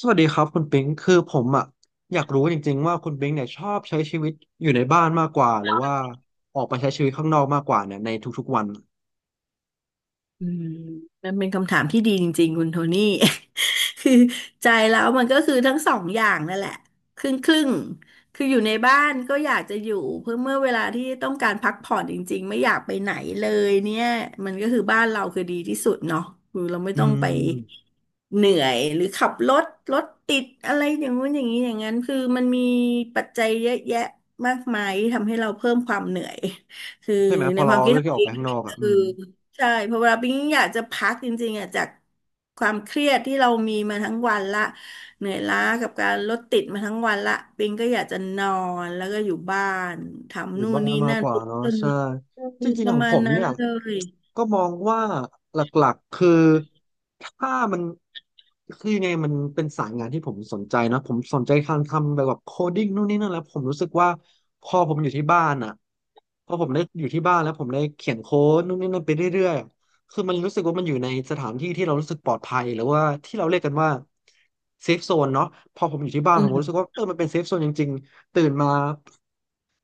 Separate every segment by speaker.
Speaker 1: สวัสดีครับคุณปิงคือผมอ่ะอยากรู้จริงๆว่าคุณปิงเนี่ยชอบใช้ชีวิตอยู่ในบ้านมากกว่าหรือว่าออกไปใช้ชีวิตข้างนอกมากกว่าเนี่ยในทุกๆวัน
Speaker 2: อืมมันเป็นคำถามที่ดีจริงๆคุณโทนี่ คือใจแล้วมันก็คือทั้งสองอย่างนั่นแหละครึ่งครึ่งคืออยู่ในบ้านก็อยากจะอยู่เพื่อเมื่อเวลาที่ต้องการพักผ่อนจริงๆไม่อยากไปไหนเลยเนี่ยมันก็คือบ้านเราคือดีที่สุดเนาะคือเราไม่
Speaker 1: อื
Speaker 2: ต้อง
Speaker 1: ม
Speaker 2: ไปเหนื่อยหรือขับรถรถติดอะไรอย่างงู้นอย่างนี้อย่างนั้นคือมันมีปัจจัยเยอะแยะมากมายที่ทำให้เราเพิ่มความเหนื่อยคือ
Speaker 1: ใช่ไหมพ
Speaker 2: ใน
Speaker 1: อ
Speaker 2: ค
Speaker 1: เรา
Speaker 2: วามคิด
Speaker 1: เลือก
Speaker 2: ขอ
Speaker 1: ที่
Speaker 2: ง
Speaker 1: ออก
Speaker 2: เอ
Speaker 1: ไป
Speaker 2: ง
Speaker 1: ข้างนอก
Speaker 2: เอ
Speaker 1: อ่ะอื
Speaker 2: อ
Speaker 1: ม
Speaker 2: ใช่เพราะเวลาปิ๊งอยากจะพักจริงๆอ่ะจากความเครียดที่เรามีมาทั้งวันละเหนื่อยล้ากับการรถติดมาทั้งวันละปิ๊งก็อยากจะนอนแล้วก็อยู่บ้าน
Speaker 1: อ
Speaker 2: ทำ
Speaker 1: ยู่
Speaker 2: นู่น
Speaker 1: บ้าน
Speaker 2: นี่
Speaker 1: มาก
Speaker 2: นั่น
Speaker 1: ก
Speaker 2: ป
Speaker 1: ว่า
Speaker 2: ลูก
Speaker 1: เนาะ
Speaker 2: ต้น
Speaker 1: ใช่
Speaker 2: ไม้
Speaker 1: จริง
Speaker 2: ป
Speaker 1: ๆข
Speaker 2: ระ
Speaker 1: อง
Speaker 2: มา
Speaker 1: ผ
Speaker 2: ณ
Speaker 1: ม
Speaker 2: นั้น
Speaker 1: เนี่ย
Speaker 2: เลย
Speaker 1: ก็มองว่าหลักๆคือถ้ามันคือยังไงมันเป็นสายงานที่ผมสนใจเนอะผมสนใจทางทำแบบโคดิ้งนู่นนี่นั่นแล้วผมรู้สึกว่าพอผมอยู่ที่บ้านอ่ะพอผมได้อยู่ที่บ้านแล้วผมได้เขียนโค้ดนู่นนี่นั่นไปเรื่อยๆอะคือมันรู้สึกว่ามันอยู่ในสถานที่ที่เรารู้สึกปลอดภัยหรือว่าที่เราเรียกกันว่าเซฟโซนเนาะพอผมอยู่ที่บ้าน
Speaker 2: อื
Speaker 1: ผมรู้
Speaker 2: ม
Speaker 1: สึกว่าเออมันเป็นเซฟโซนจริง ตื่นมา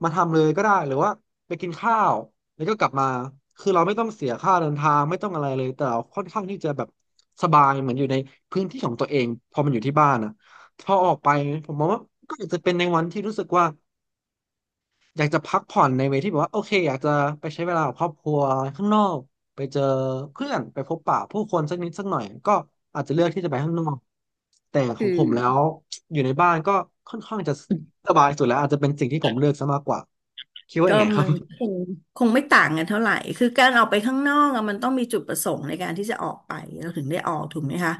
Speaker 1: มาทำเลยก็ได้หรือว่าไปกินข้าวแล้วก็กลับมาคือเราไม่ต้องเสียค่าเดินทางไม่ต้องอะไรเลยแต่เราค่อนข้างที่จะแบบสบายเหมือนอยู่ในพื้นที่ของตัวเองพอมันอยู่ที่บ้านนะพอออกไปผมมองว่าก็อาจจะเป็นในวันที่รู้สึกว่า อยากจะพักผ่อนในเวที่แบบว่าโอเคอยากจะไปใช้เวลากับครอบครัวข้างนอกไปเจอเพื่อนไปพบปะผู้คนสักนิดสักหน่อยก็อาจจะเลือกที่จะไปข้างนอกแต่ขอ
Speaker 2: อื
Speaker 1: งผมแล้
Speaker 2: ม
Speaker 1: วอยู่ในบ้านก็ค่อนข้างจะสบายสุดแล้วอาจจะเป็นสิ่งที่ผมเลือกซะมากกว่าคิดว่าอ
Speaker 2: ก็
Speaker 1: ย่างไงครั
Speaker 2: มั
Speaker 1: บ
Speaker 2: นคงคงไม่ต่างกันเท่าไหร่ คือการออกไปข้างนอกอะมันต้องมีจุดประสงค์ในการที่จะออกไปเราถึงได้ออกถูกไหมคะ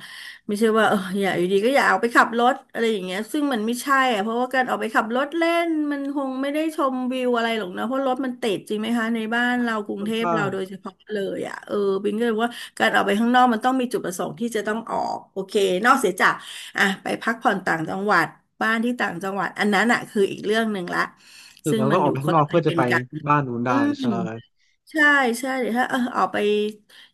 Speaker 2: ไม่ใช่ว่าอยากอยู่ดีก็อยากออไปขับรถอะไรอย่างเงี้ยซึ่งมันไม่ใช่อะเพราะว่าการออกไปขับรถเล่นมันคงไม่ได้ชมวิวอะไรหรอกนะเพราะรถมันติดจริงไหมคะในบ้านเรากรุง
Speaker 1: ค่อน
Speaker 2: เทพ
Speaker 1: ข้า
Speaker 2: เรา
Speaker 1: ง
Speaker 2: โดยเฉพาะเลยอะเออบิงก็เลยว่าการออกไปข้างนอกมันต้องมีจุดประสงค์ที่จะต้องออกโอเคนอกเสียจาก อ่ะไปพักผ่อนต่างจังหวัดบ้านที่ต่างจังหวัดอันนั้นอ่ะคืออีกเรื่องหนึ่งละ
Speaker 1: ถึง
Speaker 2: ซึ่ง
Speaker 1: เราต้
Speaker 2: มั
Speaker 1: อ
Speaker 2: น
Speaker 1: งอ
Speaker 2: อ
Speaker 1: อก
Speaker 2: ยู่
Speaker 1: ไป
Speaker 2: ค
Speaker 1: ข้าง
Speaker 2: น
Speaker 1: นอ
Speaker 2: ละ
Speaker 1: ก
Speaker 2: ป
Speaker 1: เพื่
Speaker 2: ระ
Speaker 1: อจะ
Speaker 2: เด็น
Speaker 1: ไป
Speaker 2: กัน
Speaker 1: บ้านนู้น
Speaker 2: อื
Speaker 1: ได้
Speaker 2: ม
Speaker 1: ใช่
Speaker 2: ใช่ใช่เดี๋ยวถ้าออกไป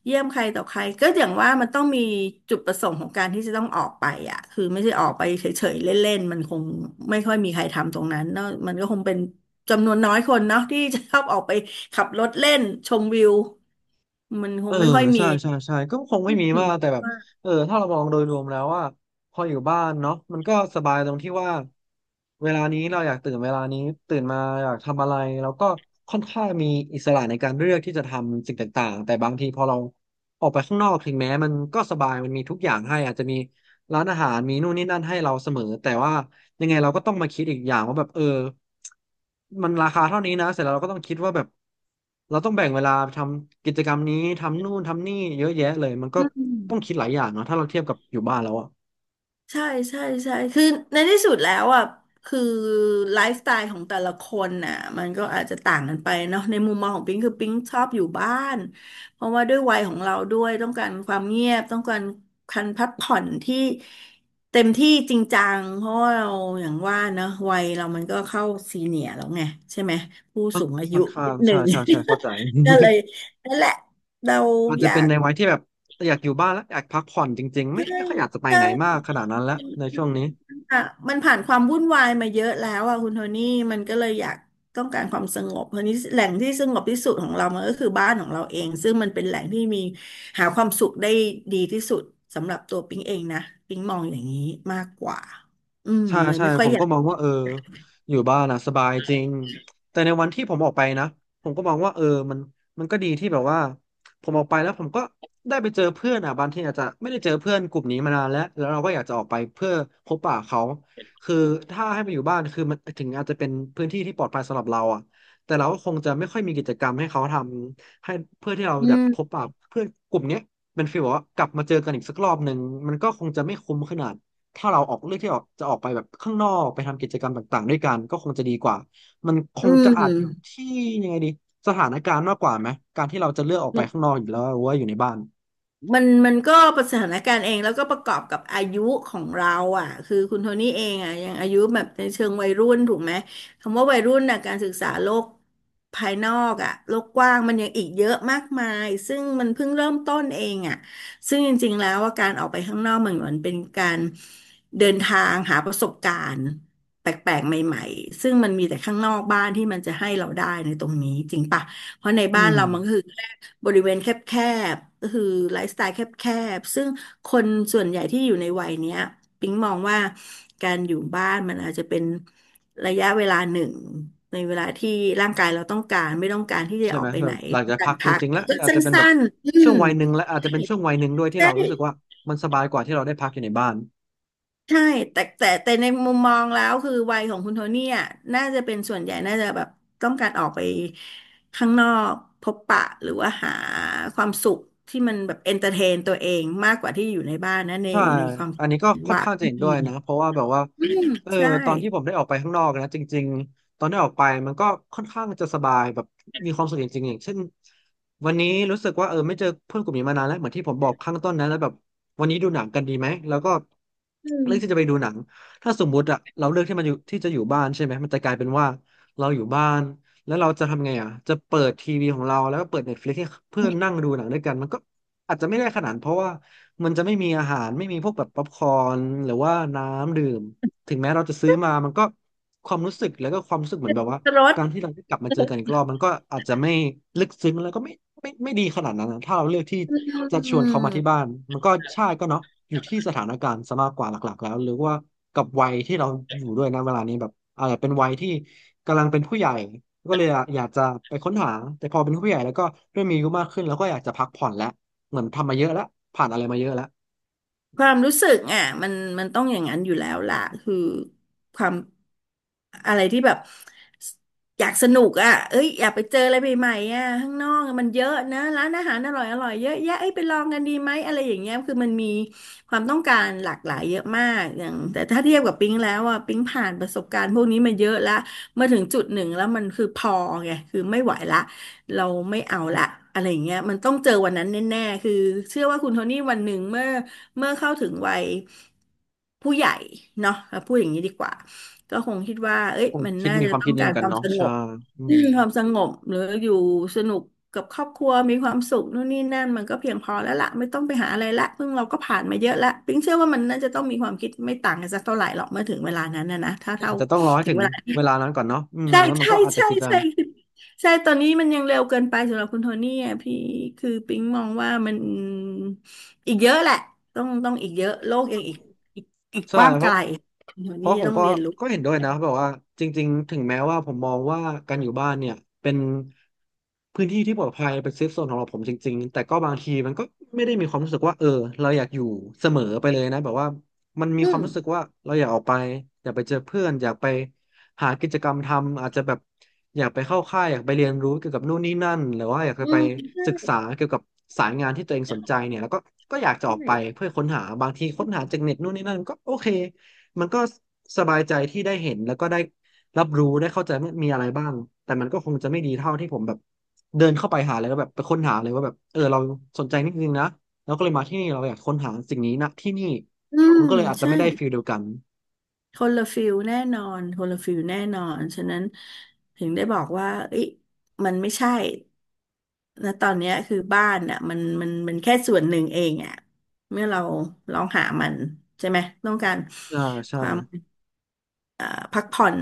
Speaker 2: เยี่ยมใครต่อใครก็อย่างว่ามันต้องมีจุดประสงค์ของการที่จะต้องออกไปอ่ะคือไม่ใช่ออกไปเฉยๆเล่นๆมันคงไม่ค่อยมีใครทำตรงนั้นเนอะมันก็คงเป็นจำนวนน้อยคนเนาะที่จะชอบออกไปขับรถเล่นชมวิวมันค
Speaker 1: เอ
Speaker 2: ง
Speaker 1: อ
Speaker 2: ไม่ค่อยมี
Speaker 1: ใช่ใช่ใช่ก็คงไม่มีมากแต่
Speaker 2: อ
Speaker 1: แบบเออถ้าเรามองโดยรวมแล้วว่าพออยู่บ้านเนาะมันก็สบายตรงที่ว่าเวลานี้เราอยากตื่นเวลานี้ตื่นมาอยากทำอะไรเราก็ค่อนข้างมีอิสระในการเลือกที่จะทำสิ่งต่างๆแต่บางทีพอเราออกไปข้างนอกถึงแม้มันก็สบายมันมีทุกอย่างให้อาจจะมีร้านอาหารมีนู่นนี่นั่นให้เราเสมอแต่ว่า ยังไงเราก็ต้องมาคิดอีกอย่างว่าแบบเออมันราคาเท่านี้นะเสร็จแล้วเราก็ต้องคิดว่าแบบเราต้องแบ่งเวลาทำกิจกรรมนี้ทำนู่นทำนี่เยอะแยะเลยมันก็
Speaker 2: ืม
Speaker 1: ต้องคิดหลายอย่างเนาะถ้าเราเทียบกับอยู่บ้านแล้วอะ
Speaker 2: ใช่ใช่ใช่คือในที่สุดแล้วอ่ะคือไลฟ์สไตล์ของแต่ละคนน่ะมันก็อาจจะต่างกันไปเนาะในมุมมองของปิงคือปิงชอบอยู่บ้านเพราะว่าด้วยวัยของเราด้วยต้องการความเงียบต้องการการพักผ่อนที่เต็มที่จริงจังเพราะว่าเราอย่างว่าเนอะวัยเรามันก็เข้าซีเนียร์แล้วไงใช่ไหมผู้สูงอา
Speaker 1: ค่
Speaker 2: ยุ
Speaker 1: อนข้า
Speaker 2: นิ
Speaker 1: ง
Speaker 2: ดห
Speaker 1: ใช่
Speaker 2: นึ่ง
Speaker 1: ใช่ใช่เข้าใจ
Speaker 2: ก็เลยนั่นแหละเรา
Speaker 1: อาจ
Speaker 2: อ
Speaker 1: จะ
Speaker 2: ยา
Speaker 1: เป็น
Speaker 2: ก
Speaker 1: ในวัยที่แบบอยากอยู่บ้านแล้วอยากพักผ่อนจริงๆไม่
Speaker 2: ใช่
Speaker 1: ไม่ค่อยอยากจะไป
Speaker 2: ใช่
Speaker 1: ไหนมากขนาดนั้นแล้วในช่วงนี้
Speaker 2: อ่ะมันผ่านความวุ่นวายมาเยอะแล้วอ่ะคุณโทนี่มันก็เลยอยากต้องการความสงบเพราะนี้แหล่งที่สงบที่สุดของเรามันก็คือบ้านของเราเองซึ่งมันเป็นแหล่งที่มีหาความสุขได้ดีที่สุดสำหรับตัวปิ๊งเองนะปิ๊งมองอย่างนี้มากกว่าอืม
Speaker 1: ใช่
Speaker 2: เลย
Speaker 1: ใช่
Speaker 2: ไม่ค่อ
Speaker 1: ผ
Speaker 2: ย
Speaker 1: ม
Speaker 2: อยา
Speaker 1: ก็
Speaker 2: ก
Speaker 1: มองว่าเอออยู่บ้านอ่ะสบายจริงแต่ในวันที่ผมออกไปนะผมก็มองว่าเออมันมันก็ดีที่แบบว่าผมออกไปแล้วผมก็ได้ไปเจอเพื่อนอ่ะบางทีอาจจะไม่ได้เจอเพื่อนกลุ่มนี้มานานแล้วแล้วเราก็อยากจะออกไปเพื่อพบปะเขาคือถ้าให้ไปอยู่บ้านคือมันถึงอาจจะเป็นพื้นที่ที่ปลอดภัยสำหรับเราอ่ะแต่เราก็คงจะไม่ค่อยมีกิจกรรมให้เขาทำให้เพื่อที่เรา
Speaker 2: อื
Speaker 1: แบบพบ
Speaker 2: ม
Speaker 1: ปะเพื่อนกลุ่มเนี้ยเป็นฟีลแบบว่ากลับมาเจอกันอีกสักรอบหนึ่งมันก็คงจะไม่คุ้มขนาด ถ้าเราออกเลือกที่ออกจะออกไปแบบข้างนอกไปทำกิจกรรมต่างๆด้วยกันก็คงจะดีกว่า มันค
Speaker 2: อื
Speaker 1: งจะ
Speaker 2: ม
Speaker 1: อาจอยู่ที่ยังไงดีสถานการณ์มากกว่าไหมการที่เราจะเลือกออกไปข้างนอกอยู่แล้วหรือว่าอยู่ในบ้าน
Speaker 2: มันก็ประสถานการณ์เองแล้วก็ประกอบกับอายุของเราอ่ะคือคุณโทนี่เองอ่ะยังอายุแบบในเชิงวัยรุ่นถูกไหมคำว่าวัยรุ่นน่ะการศึกษาโลกภายนอกอ่ะโลกกว้างมันยังอีกเยอะมากมายซึ่งมันเพิ่งเริ่มต้นเองอ่ะซึ่งจริงๆแล้วว่าการออกไปข้างนอกมันเหมือนเป็นการเดินทางหาประสบการณ์แปลกๆใหม่ๆซึ่งมันมีแต่ข้างนอกบ้านที่มันจะให้เราได้ในตรงนี้จริงปะ เพราะใน
Speaker 1: อื
Speaker 2: บ้าน
Speaker 1: ม
Speaker 2: เรามันก็คือแค่บริเวณแคบๆก็คือไลฟ์สไตล์แคบๆซึ่งคนส่วนใหญ่ที่อยู่ในวัยเนี้ยปิ๊งมองว่าการอยู่บ้านมันอาจจะเป็นระยะเวลาหนึ่งในเวลาที่ร่างกายเราต้องการไม่ต้องการที่จะ
Speaker 1: ใช่
Speaker 2: อ
Speaker 1: ไห
Speaker 2: อ
Speaker 1: ม
Speaker 2: กไป
Speaker 1: เรา
Speaker 2: ไหน
Speaker 1: หลัง
Speaker 2: ต้อ
Speaker 1: จา
Speaker 2: ง
Speaker 1: ก
Speaker 2: กา
Speaker 1: พั
Speaker 2: ร
Speaker 1: กจ
Speaker 2: พัก
Speaker 1: ริงๆ
Speaker 2: แต่
Speaker 1: แล้ว
Speaker 2: ก็
Speaker 1: อาจ
Speaker 2: สั
Speaker 1: จะเป็นแบ
Speaker 2: ้
Speaker 1: บ
Speaker 2: นๆอื
Speaker 1: ช่
Speaker 2: ม
Speaker 1: วงวัยหนึ่งและอาจจะเป็นช่วงวัยหนึ่งด้วยที่
Speaker 2: ใช่
Speaker 1: เรารู้สึกว่ามันสบายกว่าที่เราได้พักอยู่ในบ้าน
Speaker 2: ใช่แต่ในมุมมองแล้วคือวัยของคุณโทนี่อ่ะน่าจะเป็นส่วนใหญ่น่าจะแบบต้องการออกไปข้างนอกพบปะหรือว่าหาความสุขที่มันแบบเอนเตอร์เทนตัวเองมากกว่าที่อยู่ในบ้านนะใน
Speaker 1: ใช่
Speaker 2: ความคิ
Speaker 1: อั
Speaker 2: ด
Speaker 1: นนี้ก็ค่อนข้าง
Speaker 2: ท
Speaker 1: จะเห็นด้
Speaker 2: ี่
Speaker 1: วยนะเพราะว่าแบบว่า
Speaker 2: อืม
Speaker 1: เออ
Speaker 2: ใช่
Speaker 1: ตอนที่ผมได้ออกไปข้างนอกนะจริงๆตอนได้ออกไปมันก็ค่อนข้างจะสบายแบบมีความสุขจริงๆอย่างเช่นวันนี้รู้สึกว่าเออไม่เจอเพื่อนกลุ่มนี้มานานแล้วเหมือนที่ผมบอกข้างต้นนะแล้วแบบวันนี้ดูหนังกันดีไหมแล้วก็เลือกที่จะไปดูหนังถ้าสมมุติอะเราเลือกที่มันอยู่ที่จะอยู่บ้านใช่ไหมมันจะกลายเป็นว่าเราอยู่บ้าน แล้วเราจะทำไงอ่ะจะเปิดทีวีของเราแล้วก็เปิด Netflix ให้เพื่อนนั่งดูหนังด้วยกันมันก็อาจจะไม่ได้ขนาดนั้นเพราะว่ามันจะไม่มีอาหารไม่มีพวกแบบป๊อปคอร์นหรือว่าน้ำดื่มถึงแม้เราจะซื้อมามันก็ความรู้สึกแล้วก็ความรู้สึกเหมือนแบบว่า
Speaker 2: รถ
Speaker 1: การที่เราได้กลับมาเจอกันอีกรอบมันก็อาจจะไม่ลึกซึ้งแล้วก็ไม่ไม่ดีขนาดนั้นนะถ้าเราเลือกที่
Speaker 2: อื
Speaker 1: จะชวนเขามาที่บ้า
Speaker 2: ม
Speaker 1: นมันก็ใช่ก็เนาะอยู่ที่สถานการณ์ซะมากกว่าหลักๆแล้วหรือว่ากับวัยที่เราอยู่ด้วยนะเวลานี้แบบอาจจะเป็นวัยที่กำลังเป็นผู้ใหญ่ก็เลยอยากจะไปค้นหาแต่พอเป็นผู้ใหญ่แล้วก็เริ่มมีอายุมากขึ้นแล้วก็อยากจะพักผ่อนแล้วเหมือนทำมาเยอะแล้วผ่านอะไรมาเยอะแล้ว
Speaker 2: ความรู้สึกอ่ะมันต้องอย่างนั้นอยู่แล้วล่ะคือความอะไรที่แบบอยากสนุกอ่ะเอ้ยอยากไปเจออะไรใหม่ๆอ่ะข้างนอกมันเยอะนะร้านอาหารอร่อยเยอะแยะเอ้ยไปลองกันดีไหมอะไรอย่างเงี้ยคือมันมีความต้องการหลากหลายเยอะมากอย่างแต่ถ้าเทียบกับปิ๊งแล้วอ่ะปิ๊งผ่านประสบการณ์พวกนี้มาเยอะละมาถึงจุดหนึ่งแล้วมันคือพอไงคือไม่ไหวละเราไม่เอาละอะไรอย่างเงี้ยมันต้องเจอวันนั้นแน่ๆคือเชื่อว่าคุณโทนี่วันหนึ่งเมื่อเข้าถึงวัยผู้ใหญ่เนาะเราพูดอย่างนี้ดีกว่าก็คงคิดว่าเอ้ย
Speaker 1: คง
Speaker 2: มัน
Speaker 1: คิด
Speaker 2: น่า
Speaker 1: มี
Speaker 2: จะ
Speaker 1: ความ
Speaker 2: ต้อ
Speaker 1: คิด
Speaker 2: ง
Speaker 1: นี้
Speaker 2: กา
Speaker 1: เหมื
Speaker 2: ร
Speaker 1: อน
Speaker 2: ค
Speaker 1: กัน
Speaker 2: วาม
Speaker 1: เนาะ
Speaker 2: สง
Speaker 1: ใช่
Speaker 2: บ
Speaker 1: อืม
Speaker 2: ความสงบหรืออยู่สนุกกับครอบครัวมีความสุขนู่นนี่นั่นมันก็เพียงพอแล้วล่ะไม่ต้องไปหาอะไรละเพิ่งเราก็ผ่านมาเยอะละปิ๊งเชื่อว่ามันน่าจะต้องมีความคิดไม่ต่างกันสักเท่าไหร่หรอกเมื่อถึงเวลานั้นนะถ้า
Speaker 1: อา
Speaker 2: เท่า
Speaker 1: จจะต้องรอให้
Speaker 2: ถึง
Speaker 1: ถึง
Speaker 2: เวลา
Speaker 1: เวลานั้นก่อนเนาะอืม
Speaker 2: ใช่
Speaker 1: แล้วมัน
Speaker 2: ใช่
Speaker 1: ก็อาจจะ
Speaker 2: ใช่
Speaker 1: คิดได้
Speaker 2: ใช่คือใช่ตอนนี้มันยังเร็วเกินไปสำหรับคุณโทนี่อ่ะพี่คือปิ๊งมองว่ามันอีกเยอะแหละต้องอีกเยอะโลกยังอีกอีก
Speaker 1: ใช่
Speaker 2: กว้าง
Speaker 1: เพ
Speaker 2: ไกล
Speaker 1: ราะ
Speaker 2: คุณโทนี่
Speaker 1: ผม
Speaker 2: ต้อง
Speaker 1: ก็
Speaker 2: เรียนรู้
Speaker 1: เห็นด้วยนะแบบว่าจริงๆถึงแม้ว่าผมมองว่าการอยู่บ้านเนี่ยเป็นพื้นที่ที่ปลอดภัยเป็นเซฟโซนของเราผมจริงๆแต่ก็บางทีมันก็ไม่ได้มีความรู้สึกว่าเออเราอยากอยู่เสมอไปเลยนะแบบว่ามันมี
Speaker 2: อื
Speaker 1: ความ
Speaker 2: ม
Speaker 1: รู้สึกว่าเราอยากออกไปอยากไปเจอเพื่อนอยากไป หากิจกรรมทำอาจจะแบบอยากไปเข้าค่ายอยากไปเรียนรู้เกี่ยวกับนู่นนี่นั่นหรือว่าอยาก
Speaker 2: อื
Speaker 1: จะไป
Speaker 2: ม
Speaker 1: ศึก
Speaker 2: ใช่
Speaker 1: ษาเกี่ยวกับสายงานที่ตัวเองสนใจเนี่ยแล้วก็อยากจะออก
Speaker 2: ใช่
Speaker 1: ไปเพื่อค้นหาบางทีค้นหาจากเน็ตนู่นนี่นั่นก็โอเคมันก็สบายใจที่ได้เห็นแล้วก็ได้รับรู้ได้เข้าใจว่ามีอะไรบ้างแต่มันก็คงจะไม่ดีเท่าที่ผมแบบเดินเข้าไปหาเลยแล้วแบบไปค้นหาเลยว่าแบบเออเราสนใจนี่จริงๆนะแล้วก็เลยมาที่นี่เราอยากค้นหาสิ่งนี้นะที่นี่
Speaker 2: อืม
Speaker 1: มันก็เลยอาจจะ
Speaker 2: ใช่
Speaker 1: ไม่ได้ฟีลเดียวกัน
Speaker 2: คนละฟิลแน่นอน คนละฟิลแน่นอน ฉะนั้นถึงได้บอกว่าเอ้ยมันไม่ใช่นะตอนเนี้ยคือบ้านอ่ะมันแค่ส่วนหนึ่งเองอ่ะเมื่อเราลองหามันใช่ไหมต้องการ
Speaker 1: อ่า
Speaker 2: ค
Speaker 1: ใช่
Speaker 2: วาม เอ่อพักผ่อน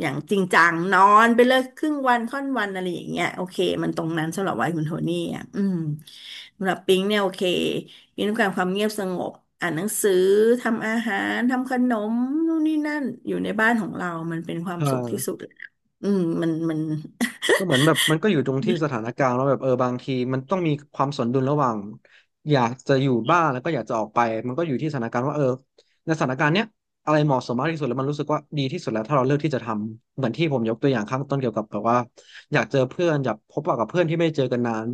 Speaker 2: อย่างจริงจังนอนไปเลยครึ่งวันค่อนวันอะไรอย่างเงี้ยโอเคมันตรงนั้นสำหรับวัยคุณโทนี่อ่ะอืมสำหรับปิงเนี่ยโอเคปิงต้องการความเงียบสงบอ่านหนังสือทำอาหารทำขนมนู่นนี่นั่นอยู่ในบ้านของเรามันเป็นควา
Speaker 1: เ
Speaker 2: มสุขที่สุ
Speaker 1: ออ
Speaker 2: ดเลยนะอืมมัน
Speaker 1: ก็เหมือนแบบมันก็อยู่ตรงที่สถานการณ์แล้วแบบเออบางทีมันต้องมีความสนดุลระหว่างอยากจะอยู่บ้านแล้วก็อยากจะออกไปมันก็อยู่ที่สถานการณ์ว่าเออในสถานการณ์เนี้ยอะไรเหมาะสมมากที่สุดแล้วมันรู้สึกว่าดีที่สุดแล้วถ้าเราเลือกที่จะทำเหมือนที่ผมยกตัวอย่างข้างต้นเกี่ยวกับแบบว่าอยากเจอเพื่อนอยากพบปะกับเพื่อนที่ไม่ได้เจอกันนาน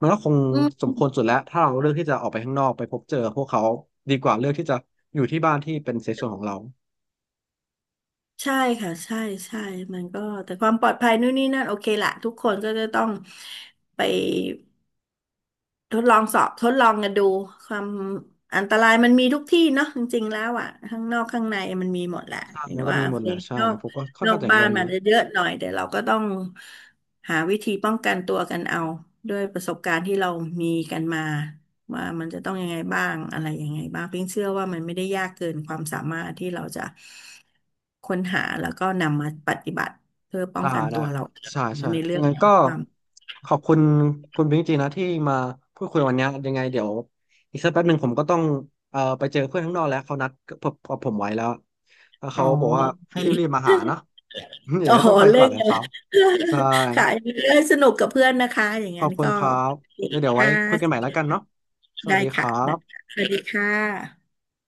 Speaker 1: มันก็คง
Speaker 2: อื
Speaker 1: ส
Speaker 2: ม
Speaker 1: มควรสุดแล้วถ้าเราเลือกที่จะออกไปข้างนอกไปพบเจอพวกเขาดีกว่าเลือกที่จะอยู่ที่บ้านที่เป็นเซฟโซนของเรา
Speaker 2: ใช่ค่ะใช่ใช่มันก็แต่ความปลอดภัยนู่นนี่นั่นโอเคละทุกคนก็จะต้องไป ทดลองสอบทดลองกันดูความอันตรายมันมีทุกที่เนาะจริงๆแล้วอ่ะข้างนอกข้างในมันมีหมดแหละ
Speaker 1: ใช่
Speaker 2: เห็น
Speaker 1: แล้วก็
Speaker 2: ว่า
Speaker 1: มี
Speaker 2: โอ
Speaker 1: หมด
Speaker 2: เค
Speaker 1: แหละใช่
Speaker 2: นอก
Speaker 1: ผมก็ค่อน
Speaker 2: นอ
Speaker 1: ข้า
Speaker 2: ก
Speaker 1: งจะเห็น
Speaker 2: บ้า
Speaker 1: ด้ว
Speaker 2: น
Speaker 1: ย
Speaker 2: มา
Speaker 1: นะ
Speaker 2: เยอะหน่อยแต่เราก็ต้องหาวิธีป้องกันตัวกันเอาด้วยประสบการณ์ที่เรามีกันมาว่ามันจะต้องยังไงบ้างอะไรยังไงบ้างพีงเชื่อว่ามันไม่ได้ยากเกินความสามารถที่เราจะค้นหาแล้วก็นำมาปฏิบัติเพื่อป้อง
Speaker 1: ตา
Speaker 2: กันตั
Speaker 1: ได้
Speaker 2: วเราเอง
Speaker 1: ใช่ใช่
Speaker 2: ในเรื่อง
Speaker 1: งั้น
Speaker 2: ของ
Speaker 1: ก็
Speaker 2: ความ
Speaker 1: ขอบคุณคุณพิงค์จริงนะที่มาพูดคุยวันเนี้ยยังไงเดี๋ยวอีกสักแป๊บหนึ่งผมก็ต้องไปเจอเพื่อนข้างนอกแล้วเขานัดผมกับผมไว้แล้วแล้ว
Speaker 2: อ๋อ
Speaker 1: เขาบอกว่า
Speaker 2: โอเค
Speaker 1: ให้รีบๆมาหาเนาะ เดี๋ย
Speaker 2: อ๋
Speaker 1: ว
Speaker 2: อ
Speaker 1: ก็ต้องไป
Speaker 2: เล่
Speaker 1: ก่อน
Speaker 2: น
Speaker 1: เลย
Speaker 2: กั
Speaker 1: ค
Speaker 2: น
Speaker 1: รับใช่
Speaker 2: ค่ะ เล่นสนุกกับเพื่อนนะคะ อย่าง
Speaker 1: ขอ
Speaker 2: นั้
Speaker 1: บ
Speaker 2: น
Speaker 1: คุณ
Speaker 2: ก็
Speaker 1: ครับ
Speaker 2: โอเค
Speaker 1: เดี๋ยวไว้
Speaker 2: ค่ะ
Speaker 1: คุยกันใหม่แล้วกันเนาะสวัส
Speaker 2: ได้
Speaker 1: ดีค
Speaker 2: ค่ะ
Speaker 1: รั
Speaker 2: ได้ค่ะ
Speaker 1: บ
Speaker 2: สวัสดีค่ะ